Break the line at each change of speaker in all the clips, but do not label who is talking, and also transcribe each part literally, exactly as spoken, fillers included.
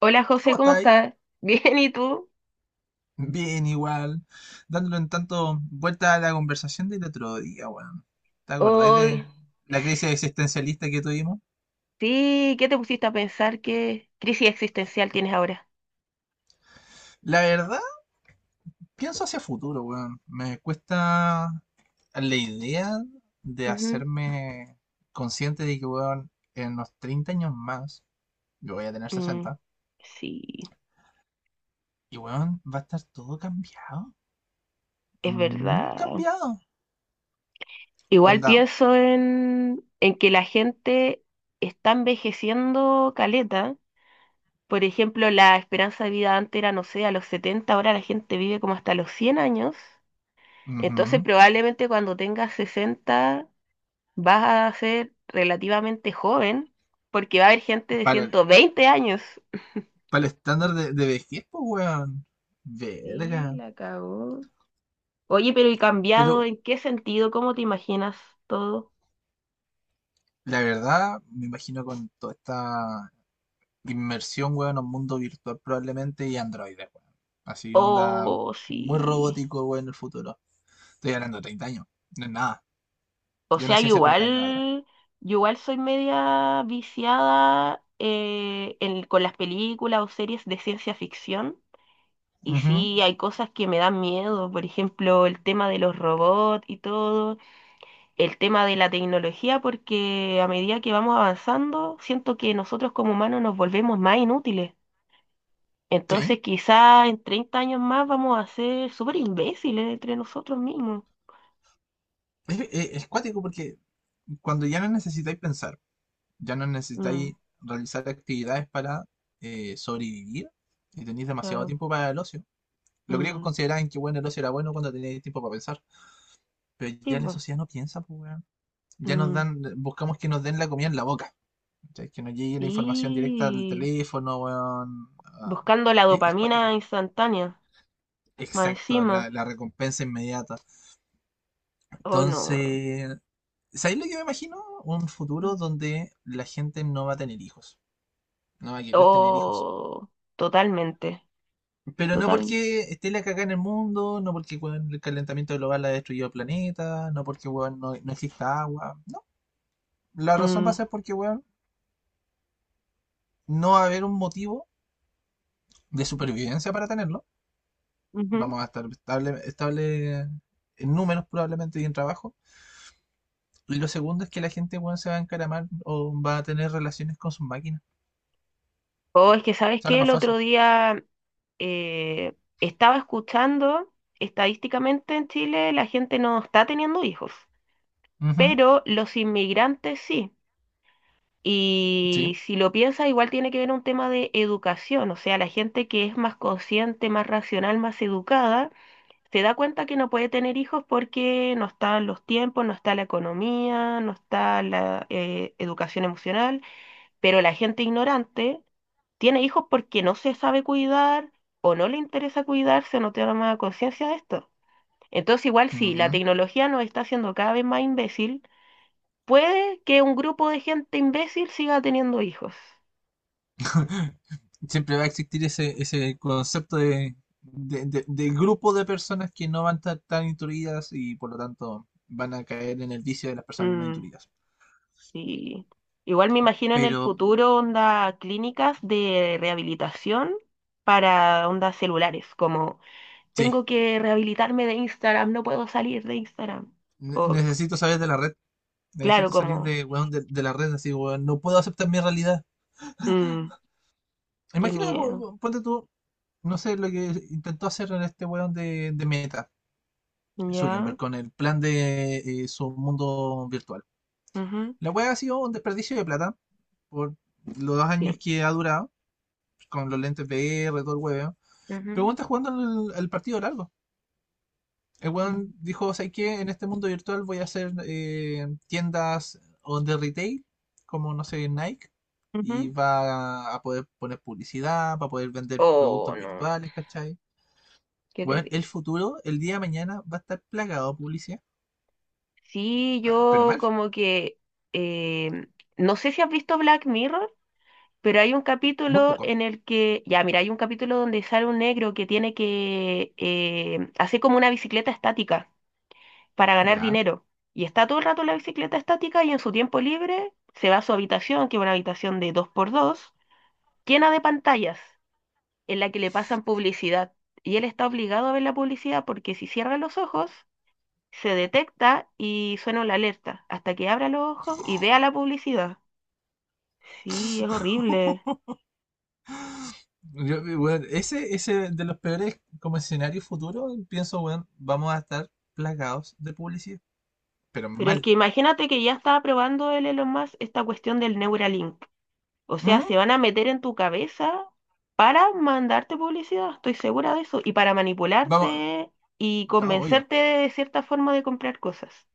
Hola José,
¿Cómo
¿cómo
estáis?
estás? Bien, ¿y tú?
Bien, igual. Dándole un tanto vuelta a la conversación del otro día, weón. ¿Te acordáis de
Hoy,
la crisis existencialista que tuvimos?
sí, ¿qué te pusiste a pensar? ¿Qué crisis existencial tienes ahora?
La verdad, pienso hacia futuro, weón. Me cuesta la idea de
Ujú.
hacerme consciente de que, weón, en unos treinta años más, yo voy a tener
Mm,
sesenta
sí,
y, weón, va a estar todo cambiado.
es
Muy
verdad.
cambiado.
Igual
Onda.
pienso en, en que la gente está envejeciendo caleta. Por ejemplo, la esperanza de vida antes era, no sé, a los setenta, ahora la gente vive como hasta los cien años. Entonces,
Ujú.
probablemente cuando tengas sesenta vas a ser relativamente joven porque va a haber gente de
Para,
ciento veinte años.
Para el estándar de, de vejez, pues, weón.
Sí,
Verga.
la cagó. Oye, pero ¿y
Pero
cambiado en qué sentido? ¿Cómo te imaginas todo?
la verdad, me imagino con toda esta inmersión, weón, en un mundo virtual probablemente y androides, weón. Así onda
O
muy
sí.
robótico, weón, en el futuro. Estoy hablando de treinta años. No es nada.
O
Yo
sea,
nací
yo
hace treinta años atrás.
igual, yo igual soy media viciada eh, en- con las películas o series de ciencia ficción. Y
Ujú.
sí, hay cosas que me dan miedo, por ejemplo, el tema de los robots y todo, el tema de la tecnología, porque a medida que vamos avanzando, siento que nosotros como humanos nos volvemos más inútiles.
Sí.
Entonces quizá en treinta años más vamos a ser súper imbéciles entre nosotros mismos.
Es, es- es cuático porque cuando ya no necesitáis pensar, ya no
Mm,
necesitáis realizar actividades para eh, sobrevivir y tenéis demasiado
claro.
tiempo para el ocio. Los griegos
Mm,
consideraban que bueno, el ocio era bueno cuando tenías tiempo para pensar, pero
sí,
ya la
pues.
sociedad no piensa, pues, weón. Ya nos
Mm,
dan, buscamos que nos den la comida en la boca, ¿cachai? Que nos llegue la información directa al
sí.
teléfono, weón. Ah,
Buscando la
es, es cuático.
dopamina instantánea, más
Exacto, la,
encima.
la recompensa inmediata.
Oh, no.
Entonces, ¿sabéis lo que me imagino? Un
Mm.
futuro donde la gente no va a tener hijos, no va a querer tener hijos.
Oh, totalmente.
Pero no
Total.
porque esté la cagada en el mundo, no porque weón, el calentamiento global ha destruido el planeta, no porque weón, no, no exista agua. La razón va a
Mm,
ser porque, weón, no va a haber un motivo de supervivencia para tenerlo.
ujú.
Vamos a estar estable, estable en números probablemente y en trabajo. Y lo segundo es que la gente, weón, se va a encaramar o va a tener relaciones con sus máquinas.
Oh, es que, ¿sabes
Sale
qué? El
más
otro
fácil.
día eh, estaba escuchando, estadísticamente en Chile la gente no está teniendo hijos,
Ujú.
pero los inmigrantes sí.
Sí.
Y si lo piensas, igual tiene que ver un tema de educación, o sea, la gente que es más consciente, más racional, más educada, se da cuenta que no puede tener hijos porque no están los tiempos, no está la economía, no está la eh, educación emocional, pero la gente ignorante tiene hijos porque no se sabe cuidar o no le interesa cuidarse, no toma conciencia de esto. Entonces, igual si
Ujú.
la tecnología nos está haciendo cada vez más imbécil, puede que un grupo de gente imbécil siga teniendo hijos.
Siempre va a existir ese, ese concepto de, de, de- de grupo de personas que no van a estar tan intuidas y por lo tanto van a caer en el vicio de las personas no
Mm,
intuidas.
y igual me imagino en el
Pero
futuro onda clínicas de rehabilitación para ondas celulares, como,
sí,
tengo que rehabilitarme de Instagram, no puedo salir de Instagram.
ne-
O
necesito saber de la red.
claro,
Necesito salir
como,
de, weón, de, de la red, así, weón. No puedo aceptar mi realidad.
mm, qué
Imagínate,
miedo.
ponte tú, no sé, lo que intentó hacer este weón de, de Meta,
Ya.
Zuckerberg, con el plan de eh, su mundo virtual.
Ujú.
La weá ha sido un desperdicio de plata por los dos años
Sí.
que ha durado, con los lentes V R, todo el weón. Pero
Ujú.
weón está jugando el, el partido largo. El weón dijo, ¿sabes qué? En este mundo virtual voy a hacer eh, tiendas on the retail, como, no sé, Nike, y
Ujú.
va a poder poner publicidad, va a poder vender
Oh,
productos
no,
virtuales, ¿cachai?
qué
Weón, el
terrible.
futuro, el día de mañana, va a estar plagado de publicidad.
Sí,
Ah, pero
yo
mal,
como que, eh, no sé si has visto Black Mirror, pero hay un
muy
capítulo
poco.
en el que, ya, mira, hay un capítulo donde sale un negro que tiene que eh, hacer como una bicicleta estática para ganar
Ya,
dinero. Y está todo el rato en la bicicleta estática y en su tiempo libre se va a su habitación, que es una habitación de dos por dos llena de pantallas en la que le pasan publicidad. Y él está obligado a ver la publicidad porque si cierra los ojos, se detecta y suena la alerta hasta que abra los ojos y vea la publicidad. Sí, es horrible.
yo, eh, weón, ese, ese de los peores como escenario futuro, pienso, weón, vamos a estar plagados de publicidad, pero
Pero es
mal.
que imagínate que ya estaba probando el Elon Musk esta cuestión del Neuralink. O sea, se
Ujú.
van a meter en tu cabeza para mandarte publicidad, estoy segura de eso, y para
Vamos,
manipularte y
ya, obvio.
convencerte de cierta forma de comprar cosas.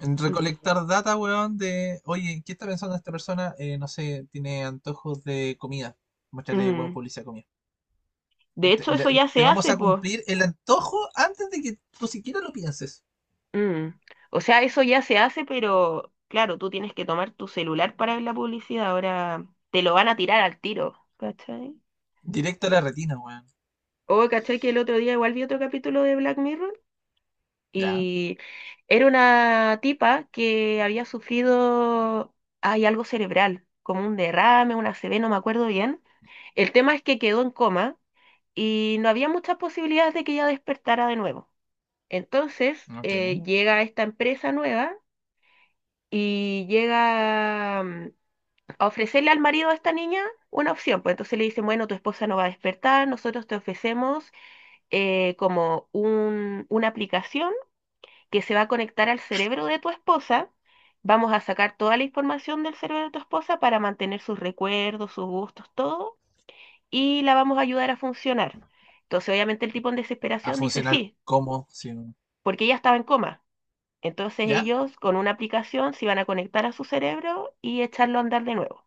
En
Mm.
recolectar data, weón, de, oye, ¿qué está pensando esta persona? Eh, no sé, tiene antojos de comida. Muéstrale, weón,
Mm.
publicidad de comida.
De
Te,
hecho, eso
le-
ya
te
se
vamos
hace,
a
pues.
cumplir el antojo antes de que tú siquiera lo pienses.
Mm. O sea, eso ya se hace, pero claro, tú tienes que tomar tu celular para ver la publicidad. Ahora te lo van a tirar al tiro, ¿cachai?
Directo a la retina, weón.
O, ¿cachai? Que el otro día igual vi otro capítulo de Black Mirror
Ya,
y era una tipa que había sufrido, hay algo cerebral, como un derrame, una A C V, no me acuerdo bien. El tema es que quedó en coma y no había muchas posibilidades de que ella despertara de nuevo. Entonces,
ok.
eh, llega esta empresa nueva y llega mm, a ofrecerle al marido de esta niña una opción. Pues entonces le dicen, bueno, tu esposa no va a despertar, nosotros te ofrecemos eh, como un- una aplicación que se va a conectar al cerebro de tu esposa. Vamos a sacar toda la información del cerebro de tu esposa para mantener sus recuerdos, sus gustos, todo, y la vamos a ayudar a funcionar. Entonces, obviamente, el tipo en
A
desesperación dice
funcionar
sí,
como, si
porque ella estaba en coma. Entonces
ya,
ellos con una aplicación se iban a conectar a su cerebro y echarlo a andar de nuevo.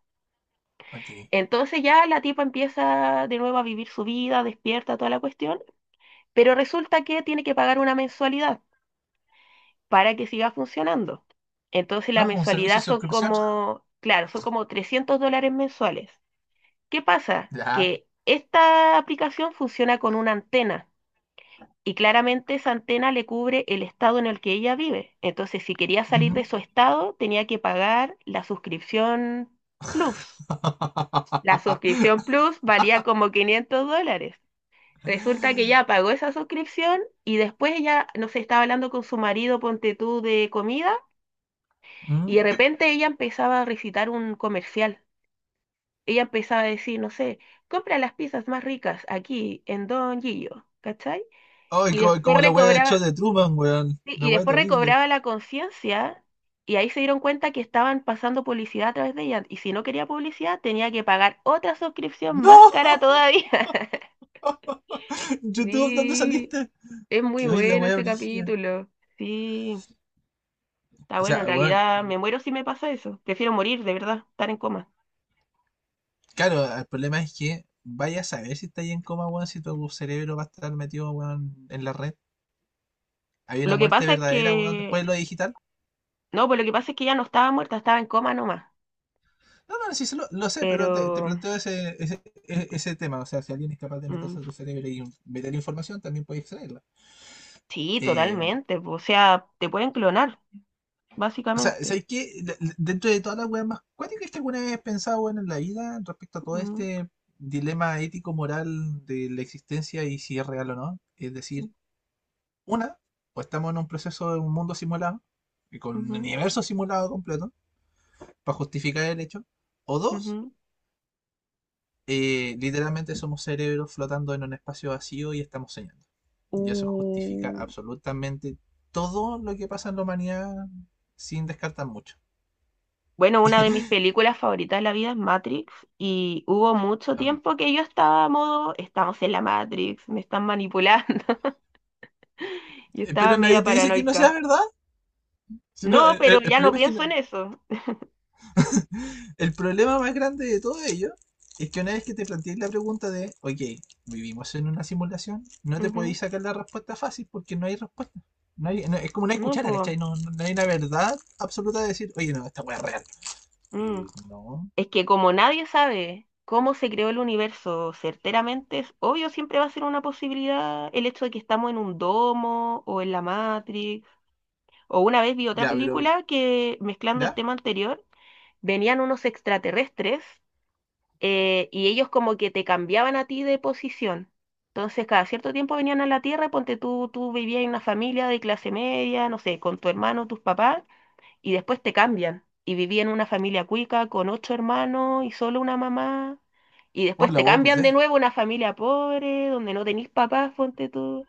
ok.
Entonces ya la tipa empieza de nuevo a vivir su vida, despierta toda la cuestión, pero resulta que tiene que pagar una mensualidad para que siga funcionando. Entonces la
Ah, un servicio
mensualidad
de
son
suscripción.
como, claro, son como trescientos dólares mensuales. ¿Qué pasa?
Ya.
Que esta aplicación funciona con una antena y claramente esa antena le cubre el estado en el que ella vive. Entonces si quería salir
Ujú.
de su estado tenía que pagar la suscripción Plus. La suscripción Plus valía como quinientos dólares. Resulta que ya pagó esa suscripción y después ella, no sé, estaba hablando con su marido, ponte tú, de comida y
Mm.
de repente ella empezaba a recitar un comercial. Ella empezaba a decir, no sé, compra las pizzas más ricas aquí en Don Gillo, ¿cachai?
Ay,
Y
co-
después
como, la wea de show de
recobraba,
Truman, weón.
sí, y
La wea
después
terrible.
recobraba la conciencia, y ahí se dieron cuenta que estaban pasando publicidad a través de ella y si no quería publicidad tenía que pagar otra suscripción
¡No!
más cara todavía.
YouTube, ¿dónde
Sí,
saliste?
es muy
Que hoy la
bueno
wea
ese
brígida.
capítulo. Sí, está
O
bueno, en
sea, weón,
realidad me muero si me pasa eso. Prefiero morir, de verdad, estar en coma.
claro, el problema es que vaya a saber si está ahí en coma, weón, si tu cerebro va a estar metido, weón, en la red. Hay una
Lo que
muerte
pasa es
verdadera, weón,
que,
después de lo digital.
no, pues lo que pasa es que ya no estaba muerta, estaba en coma nomás.
No, no, sí, se lo, lo sé, pero te, te
Pero,
planteo ese, ese, e- ese tema. O sea, si alguien es capaz de
mm,
meterse a tu cerebro y meter información, también puede extraerla.
sí,
Eh,
totalmente. O sea, te pueden clonar,
o sea,
básicamente.
¿sabes qué? De- de- Dentro de todas las weas más cuáticas que alguna vez he pensado, weón, en la vida, respecto a todo
Ujú,
este dilema ético-moral de la existencia y si es real o no. Es decir, una, o estamos en un proceso de un mundo simulado, y con un
ujú,
universo simulado completo, para justificar el hecho. O dos,
ujú.
eh, literalmente somos cerebros flotando en un espacio vacío y estamos soñando.
Uh,
Y eso justifica absolutamente todo lo que pasa en la humanidad sin descartar mucho.
Bueno, una de mis películas favoritas de la vida es Matrix y hubo mucho
Um,
tiempo que yo estaba a modo, estamos en la Matrix, me están manipulando y
eh,
estaba
Pero nadie
media
te dice que no sea
paranoica.
verdad. Si no,
No,
eh,
pero
eh, el,
ya no
problema es que no-
pienso en eso.
el problema más grande de todo ello es que una vez que te plantees la pregunta de, ok, vivimos en una simulación, no te
Ujú.
podéis sacar la respuesta fácil porque no hay respuesta. No hay- no- es como una
No,
cuchara,
pues.
¿cachai? No, no- no hay una verdad absoluta de decir, oye, no, esta weá es real. Eh, no.
Es que como nadie sabe cómo se creó el universo certeramente, es obvio, siempre va a ser una posibilidad el hecho de que estamos en un domo o en la Matrix. O una vez vi otra
Ya, pero,
película que mezclando el
¿ya?
tema anterior, venían unos extraterrestres, eh, y ellos como que te cambiaban a ti de posición. Entonces, cada cierto tiempo venían a la Tierra, y ponte tú, tú vivías en una familia de clase media, no sé, con tu hermano, tus papás, y después te cambian. Y vivía en una familia cuica con ocho hermanos y solo una mamá. Y
Oh,
después
la
te
hueá pues
cambian
de
de
ello.
nuevo a una familia pobre, donde no tenís papás, ponte tú.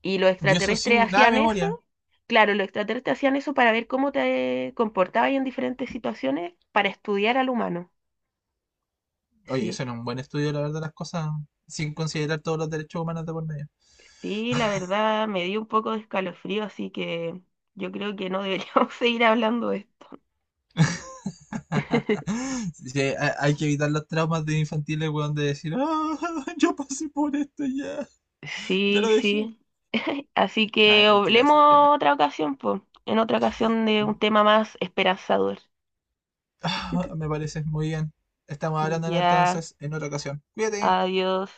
Y los
Y eso
extraterrestres
sin nada de
hacían eso.
memoria.
Claro, los extraterrestres hacían eso para ver cómo te comportabas en diferentes situaciones, para estudiar al humano.
Oye,
Sí.
eso no es un buen estudio, la verdad, las cosas, sin considerar todos los derechos humanos de por medio.
Sí, la verdad me dio un poco de escalofrío, así que yo creo que no deberíamos seguir hablando de esto.
Sí, ha- hay que evitar los traumas de infantiles, weón, de decir, ah, yo pasé por esto ya, ya
Sí,
lo dejé.
sí. Así
Ah,
que
tranquila, se entiende.
hablemos otra ocasión, pues, en otra ocasión de un
Mm,
tema más esperanzador.
ah, me parece muy bien. Estamos hablando, ¿no?
Ya,
Entonces en otra ocasión. Cuídate.
adiós.